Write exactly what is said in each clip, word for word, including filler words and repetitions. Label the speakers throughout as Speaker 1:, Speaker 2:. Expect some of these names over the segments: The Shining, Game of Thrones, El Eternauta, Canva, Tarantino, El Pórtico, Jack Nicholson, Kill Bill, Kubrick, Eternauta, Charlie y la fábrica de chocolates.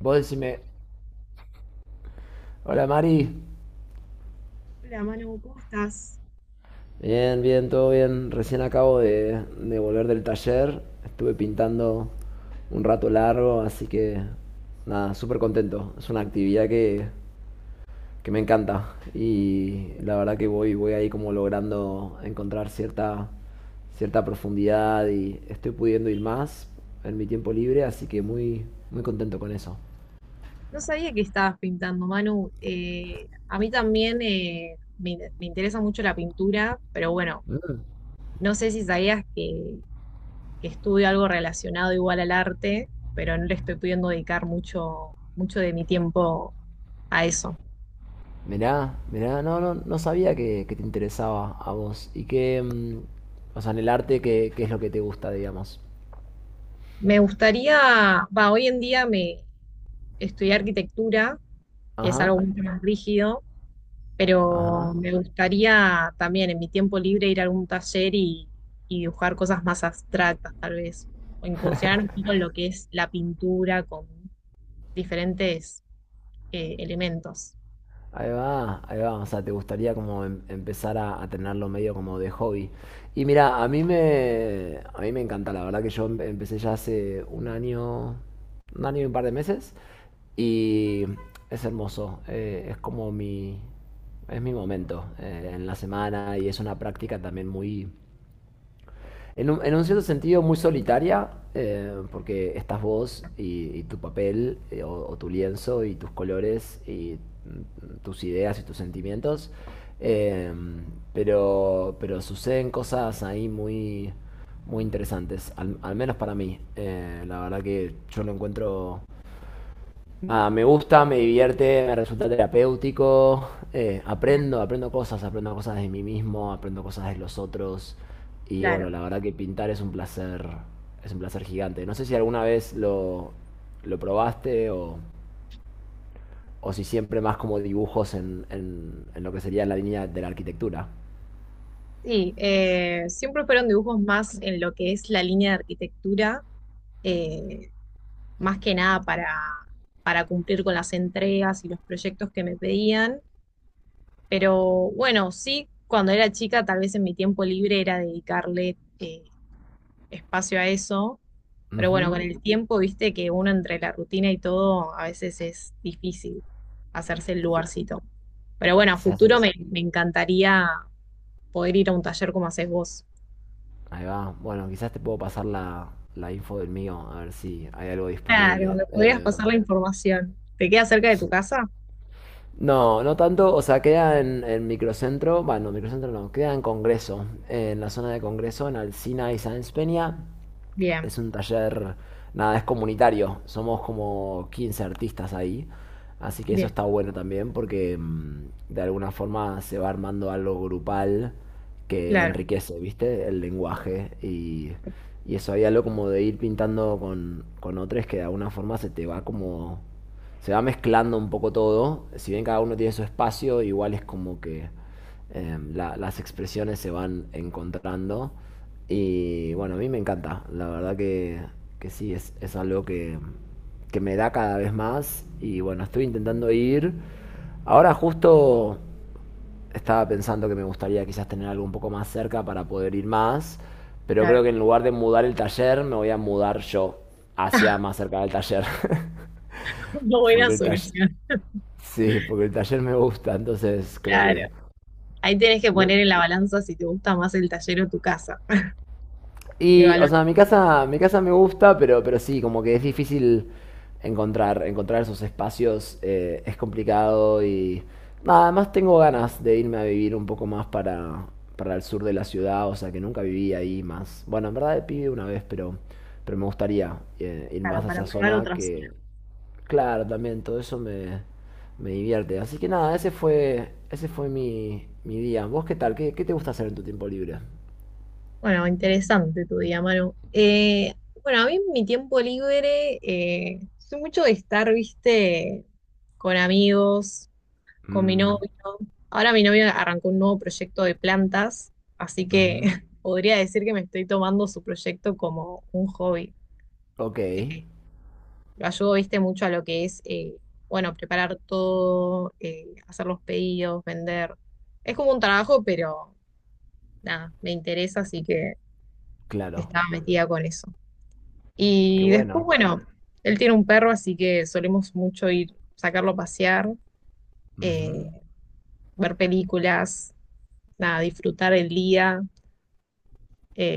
Speaker 1: Vos decime, hola Mari,
Speaker 2: Hola Manu, ¿cómo estás?
Speaker 1: bien, bien, todo bien. Recién acabo de, de volver del taller, estuve pintando un rato largo, así que nada, súper contento. Es una actividad que, que me encanta y la verdad que voy, voy ahí como logrando encontrar cierta, cierta profundidad y estoy pudiendo ir más en mi tiempo libre, así que muy, muy contento con eso.
Speaker 2: No sabía que estabas pintando, Manu. Eh, a mí también eh, me, in- me interesa mucho la pintura, pero bueno, no sé si sabías que, que estudio algo relacionado igual al arte, pero no le estoy pudiendo dedicar mucho, mucho de mi tiempo a eso.
Speaker 1: Mirá, mirá, no, no, no sabía que, que te interesaba a vos. Y que, mm, o sea, en el arte, ¿qué, qué es lo que te gusta, digamos?
Speaker 2: Me gustaría, va, hoy en día me estudié arquitectura, que es
Speaker 1: Ajá,
Speaker 2: algo mucho más rígido, pero
Speaker 1: ajá.
Speaker 2: me gustaría también en mi tiempo libre ir a algún taller y, y dibujar cosas más abstractas, tal vez, o incursionar un poco en lo que es la pintura con diferentes eh, elementos.
Speaker 1: Ahí va, ahí va. O sea, te gustaría como em- empezar a, a tenerlo medio como de hobby. Y mira, a mí me, a mí me encanta. La verdad que yo em- empecé ya hace un año, un año y un par de meses. Y es hermoso. eh, es como mi, es mi momento eh, en la semana y es una práctica también muy en un, en un cierto sentido muy solitaria, eh, porque estás vos y, y tu papel, eh, o, o tu lienzo y tus colores y mm, tus ideas y tus sentimientos. Eh, pero, pero suceden cosas ahí muy, muy interesantes, al, al menos para mí. Eh, la verdad que yo lo encuentro. Nada, me gusta, me divierte, me resulta terapéutico, eh,
Speaker 2: Mirá.
Speaker 1: aprendo, aprendo cosas, aprendo cosas de mí mismo, aprendo cosas de los otros y bueno,
Speaker 2: Claro.
Speaker 1: la verdad que pintar es un placer, es un placer gigante. No sé si alguna vez lo, lo probaste, o, o si siempre más como dibujos en, en- en lo que sería la línea de la arquitectura.
Speaker 2: Sí, eh, siempre fueron dibujos más en lo que es la línea de arquitectura, eh, más que nada para, para cumplir con las entregas y los proyectos que me pedían. Pero bueno, sí, cuando era chica, tal vez en mi tiempo libre era dedicarle eh, espacio a eso. Pero bueno,
Speaker 1: Ujú.
Speaker 2: con el tiempo, viste que uno entre la rutina y todo, a veces es difícil hacerse el
Speaker 1: Se,
Speaker 2: lugarcito. Pero bueno, a
Speaker 1: se
Speaker 2: futuro
Speaker 1: hace.
Speaker 2: me, me encantaría poder ir a un taller como haces vos.
Speaker 1: Ahí va. Bueno, quizás te puedo pasar la, la info del mío, a ver si hay algo
Speaker 2: Claro,
Speaker 1: disponible.
Speaker 2: me podrías
Speaker 1: Eh,
Speaker 2: pasar la información. ¿Te queda cerca de tu
Speaker 1: sí.
Speaker 2: casa?
Speaker 1: No, no tanto, o sea, queda en, en Microcentro, bueno, Microcentro no, queda en Congreso, en la zona de Congreso, en Alsina y Sáenz Peña.
Speaker 2: Bien,
Speaker 1: Es un taller, nada, es comunitario. Somos como quince artistas ahí. Así que eso
Speaker 2: bien,
Speaker 1: está bueno también porque mm, de alguna forma se va armando algo grupal que
Speaker 2: claro,
Speaker 1: enriquece, ¿viste? El lenguaje y, y eso, hay algo como de ir pintando con, con otros que de alguna forma se te va como. Se va mezclando un poco todo. Si bien cada uno tiene su espacio, igual es como que eh, la- las expresiones se van encontrando. Y bueno, a mí me encanta, la verdad que, que sí, es, es algo que, que me da cada vez más. Y bueno, estoy intentando ir. Ahora justo estaba pensando que me gustaría quizás tener algo un poco más cerca para poder ir más, pero creo que
Speaker 2: claro.
Speaker 1: en lugar de mudar el taller, me voy a mudar yo hacia más cerca del taller.
Speaker 2: No, buena
Speaker 1: Porque el taller.
Speaker 2: solución,
Speaker 1: Sí, porque el taller me gusta, entonces creo
Speaker 2: claro.
Speaker 1: que.
Speaker 2: Ahí tenés que poner en la balanza si te gusta más el taller o tu casa.
Speaker 1: Y, o
Speaker 2: Evaluar,
Speaker 1: sea, mi casa, mi casa me gusta, pero, pero sí, como que es difícil encontrar, encontrar esos espacios, eh, es complicado y nada, además tengo ganas de irme a vivir un poco más para, para el sur de la ciudad, o sea, que nunca viví ahí más. Bueno, en verdad pide una vez, pero, pero me gustaría eh, ir
Speaker 2: claro,
Speaker 1: más a
Speaker 2: para
Speaker 1: esa
Speaker 2: probar
Speaker 1: zona
Speaker 2: otras.
Speaker 1: que, claro, también todo eso me, me divierte. Así que nada, ese fue, ese fue mi, mi día. ¿Vos qué tal? ¿Qué, qué te gusta hacer en tu tiempo libre?
Speaker 2: Bueno, interesante tu día, Manu. Eh, bueno, a mí en mi tiempo libre, eh, soy mucho de estar, viste, con amigos, con mi novio.
Speaker 1: Mm,
Speaker 2: Ahora mi novio arrancó un nuevo proyecto de plantas, así que
Speaker 1: ujú.
Speaker 2: podría decir que me estoy tomando su proyecto como un hobby.
Speaker 1: Ok,
Speaker 2: Eh, lo ayudo, viste, mucho a lo que es, eh, bueno, preparar todo, eh, hacer los pedidos, vender. Es como un trabajo, pero nada, me interesa, así que
Speaker 1: claro.
Speaker 2: estaba metida con eso.
Speaker 1: Qué
Speaker 2: Y después,
Speaker 1: bueno.
Speaker 2: bueno, él tiene un perro, así que solemos mucho ir, sacarlo a pasear, eh,
Speaker 1: Ujú.
Speaker 2: ver películas, nada, disfrutar el día.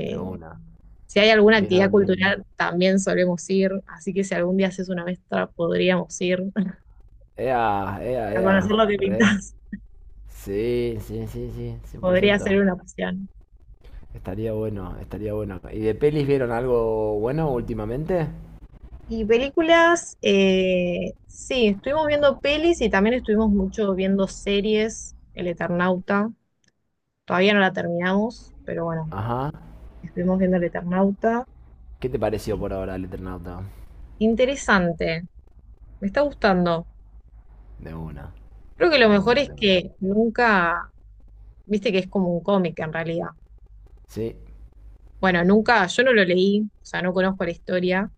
Speaker 1: De una.
Speaker 2: si hay alguna actividad
Speaker 1: Vieron.
Speaker 2: cultural, también solemos ir, así que si algún día haces una mezcla, podríamos ir
Speaker 1: Ea, ea,
Speaker 2: a conocer
Speaker 1: ea.
Speaker 2: lo que
Speaker 1: Re.
Speaker 2: pintas.
Speaker 1: Sí, sí, sí, sí, cien por
Speaker 2: Podría ser
Speaker 1: ciento.
Speaker 2: una opción.
Speaker 1: Estaría bueno, estaría bueno. ¿Y de pelis vieron algo bueno últimamente?
Speaker 2: Y películas, eh, sí, estuvimos viendo pelis y también estuvimos mucho viendo series, El Eternauta. Todavía no la terminamos, pero bueno,
Speaker 1: Ajá.
Speaker 2: estuvimos viendo el Eternauta.
Speaker 1: ¿Qué te pareció por ahora el Eternauta?
Speaker 2: Interesante, me está gustando.
Speaker 1: De una,
Speaker 2: Creo que lo
Speaker 1: de
Speaker 2: mejor
Speaker 1: una,
Speaker 2: es
Speaker 1: de una.
Speaker 2: que nunca, viste que es como un cómic en realidad.
Speaker 1: Sí.
Speaker 2: Bueno, nunca, yo no lo leí, o sea, no conozco la historia,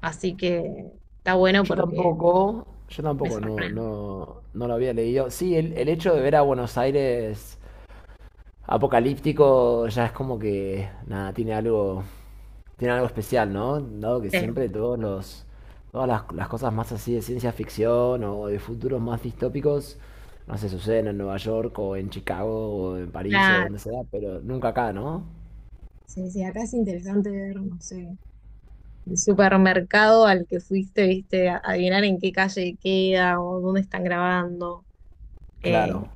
Speaker 2: así que está bueno
Speaker 1: Yo
Speaker 2: porque
Speaker 1: tampoco, yo
Speaker 2: me
Speaker 1: tampoco, no,
Speaker 2: sorprende.
Speaker 1: no, no lo había leído. Sí, el, el hecho de ver a Buenos Aires apocalíptico ya es como que, nada, tiene algo, tiene algo especial, ¿no? Dado que
Speaker 2: Sí,
Speaker 1: siempre todos los, todas las, las cosas más así de ciencia ficción o de futuros más distópicos, no sé, suceden en Nueva York o en Chicago o en París o
Speaker 2: claro,
Speaker 1: donde sea, pero nunca acá, ¿no?
Speaker 2: sí, sí, acá es interesante ver, no sé, el supermercado al que fuiste, viste, a- adivinar en qué calle queda o dónde están grabando. Eh,
Speaker 1: Claro,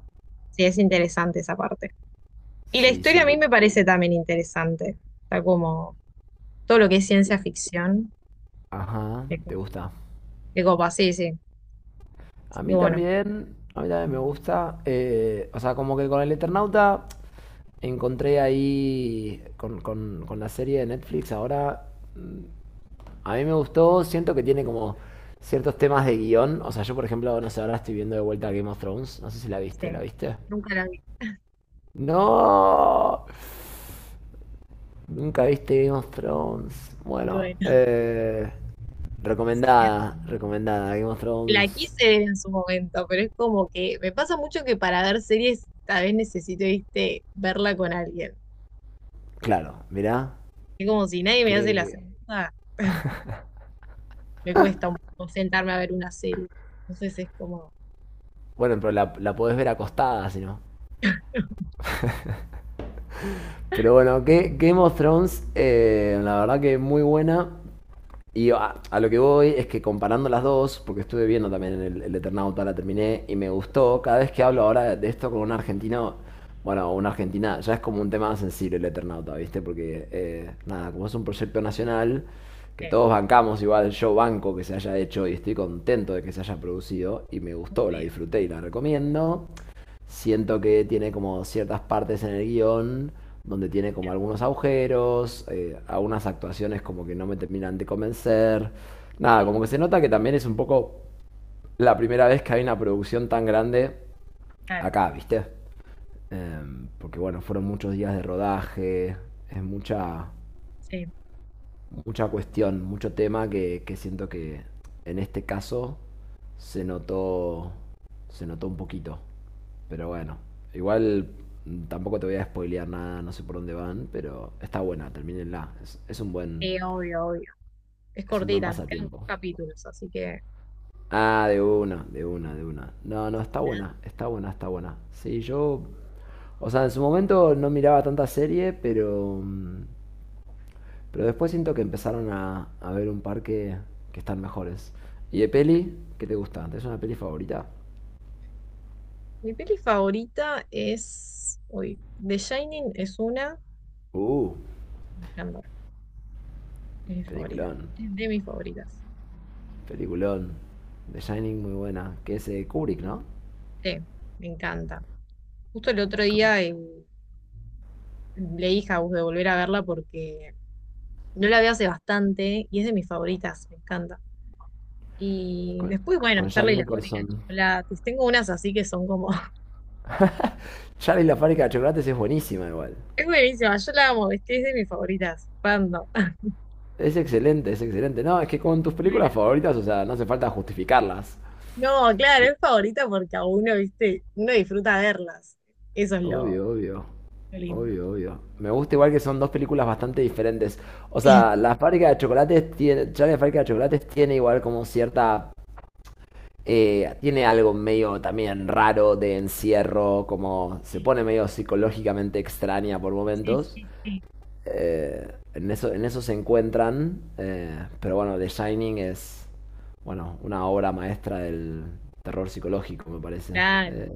Speaker 2: sí, es interesante esa parte. Y la
Speaker 1: sí,
Speaker 2: historia a
Speaker 1: sí.
Speaker 2: mí me parece también interesante. Está como todo lo que es ciencia ficción.
Speaker 1: Ajá,
Speaker 2: De
Speaker 1: te
Speaker 2: co-
Speaker 1: gusta.
Speaker 2: de copa, sí, sí.
Speaker 1: A
Speaker 2: Y
Speaker 1: mí
Speaker 2: bueno,
Speaker 1: también, a mí también me gusta. Eh, o sea, como que con el Eternauta encontré ahí, con, con- con la serie de Netflix ahora, a mí me gustó, siento que tiene como ciertos temas de guión. O sea, yo por ejemplo, no sé, ahora estoy viendo de vuelta Game of Thrones. No sé si la
Speaker 2: sí.
Speaker 1: viste, ¿la viste?
Speaker 2: Nunca la vi.
Speaker 1: No, nunca viste Game of Thrones.
Speaker 2: Y
Speaker 1: Bueno,
Speaker 2: bueno,
Speaker 1: eh, recomendada, recomendada. Game of
Speaker 2: la
Speaker 1: Thrones,
Speaker 2: quise ver en su momento, pero es como que me pasa mucho que para ver series tal vez necesito, viste, verla con alguien.
Speaker 1: claro, mirá.
Speaker 2: Es como si nadie me hace la
Speaker 1: Que,
Speaker 2: segunda, me cuesta un poco sentarme a ver una serie. Entonces es como,
Speaker 1: bueno, pero la, la podés ver acostada, si no. Pero bueno, que Game of Thrones, eh, la verdad que muy buena. Y a, a lo que voy es que comparando las dos, porque estuve viendo también el, el Eternauta, la terminé y me gustó, cada vez que hablo ahora de esto con un argentino, bueno, una argentina, ya es como un tema más sensible el Eternauta, ¿viste? Porque, eh, nada, como es un proyecto nacional, que
Speaker 2: sí,
Speaker 1: todos bancamos, igual yo banco que se haya hecho y estoy contento de que se haya producido y me gustó, la
Speaker 2: obvio,
Speaker 1: disfruté y la recomiendo. Siento que tiene como ciertas partes en el guión donde tiene como
Speaker 2: bien,
Speaker 1: algunos agujeros, eh, algunas actuaciones como que no me terminan de convencer. Nada, como que se nota que también es un poco la primera vez que hay una producción tan grande
Speaker 2: claro,
Speaker 1: acá, ¿viste? Em, porque bueno, fueron muchos días de rodaje, es mucha,
Speaker 2: sí,
Speaker 1: mucha cuestión, mucho tema que, que siento que en este caso se notó, se notó un poquito. Pero bueno, igual mm, tampoco te voy a spoilear nada, no sé por dónde van, pero está buena, termínenla. Es, es un buen,
Speaker 2: sí, obvio, obvio. Es
Speaker 1: es un buen
Speaker 2: cortita, nos quedan dos
Speaker 1: pasatiempo.
Speaker 2: capítulos, así que.
Speaker 1: Ah, de una, de una, de una. No, no, está buena, está buena, está buena. Sí, yo, o sea, en su momento no miraba tanta serie, pero mm, Pero después siento que empezaron a, a ver un par que, que están mejores. ¿Y de peli? ¿Qué te gusta? ¿Es una peli favorita?
Speaker 2: Mi peli favorita es. Uy, The Shining es una.
Speaker 1: Uh,
Speaker 2: Resplandor, es mi favorita.
Speaker 1: Peliculón,
Speaker 2: Es de mis favoritas.
Speaker 1: peliculón. The Shining muy buena, que es eh, Kubrick, ¿no?
Speaker 2: Sí, me encanta. Justo el otro
Speaker 1: Con,
Speaker 2: día eh, leí House de volver a verla porque no la vi hace bastante y es de mis favoritas, me encanta. Y
Speaker 1: con-
Speaker 2: después, bueno,
Speaker 1: con Jack
Speaker 2: Charlie y la fábrica de
Speaker 1: Nicholson.
Speaker 2: chocolates. Tengo unas así que son como.
Speaker 1: Charlie y la fábrica de chocolates es buenísima igual.
Speaker 2: Es buenísima, yo la amo, ¿viste? Es de mis favoritas. Pando.
Speaker 1: Es excelente, es excelente. No, es que con tus
Speaker 2: Buena.
Speaker 1: películas favoritas, o sea, no hace falta justificarlas.
Speaker 2: No, claro, es favorita porque a uno, ¿viste? Uno disfruta verlas. Eso es lo.
Speaker 1: Obvio, obvio.
Speaker 2: Lo lindo.
Speaker 1: Obvio, obvio. Me gusta igual que son dos películas bastante diferentes. O
Speaker 2: Sí,
Speaker 1: sea, la fábrica de chocolates tiene, Charlie la fábrica de chocolates tiene igual como cierta, eh, tiene algo medio también raro de encierro, como se pone medio psicológicamente extraña por
Speaker 2: sí,
Speaker 1: momentos.
Speaker 2: sí, sí,
Speaker 1: Eh, en eso, en eso se encuentran, eh, pero bueno, The Shining es, bueno, una obra maestra del terror psicológico, me parece.
Speaker 2: claro.
Speaker 1: Eh,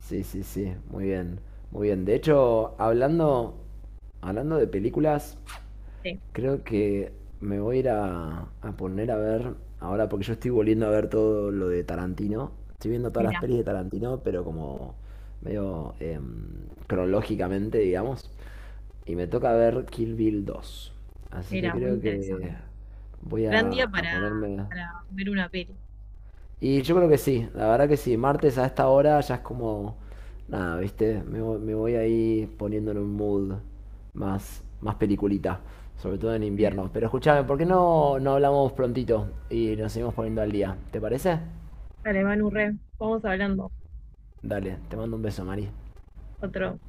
Speaker 1: Sí, sí, sí, muy bien, muy bien. De hecho, hablando, hablando de películas,
Speaker 2: Sí.
Speaker 1: creo que me voy a ir a, a poner a ver ahora, porque yo estoy volviendo a ver todo lo de Tarantino. Estoy viendo todas las
Speaker 2: Mira,
Speaker 1: pelis de Tarantino, pero como medio em, cronológicamente, digamos. Y me toca ver Kill Bill dos. Así que
Speaker 2: mira, muy
Speaker 1: creo que
Speaker 2: interesante.
Speaker 1: voy
Speaker 2: Gran
Speaker 1: a,
Speaker 2: día
Speaker 1: a
Speaker 2: para,
Speaker 1: ponerme.
Speaker 2: para ver una peli.
Speaker 1: Y yo creo que sí, la verdad que sí. Martes a esta hora ya es como. Nada, ¿viste? Me, vo- me voy ahí poniendo en un mood más, más peliculita, sobre todo en invierno. Pero escúchame, ¿por qué no, no hablamos prontito y nos seguimos poniendo al día? ¿Te parece?
Speaker 2: Dale, Manu, re, vamos hablando.
Speaker 1: Dale, te mando un beso, Mari.
Speaker 2: Otro.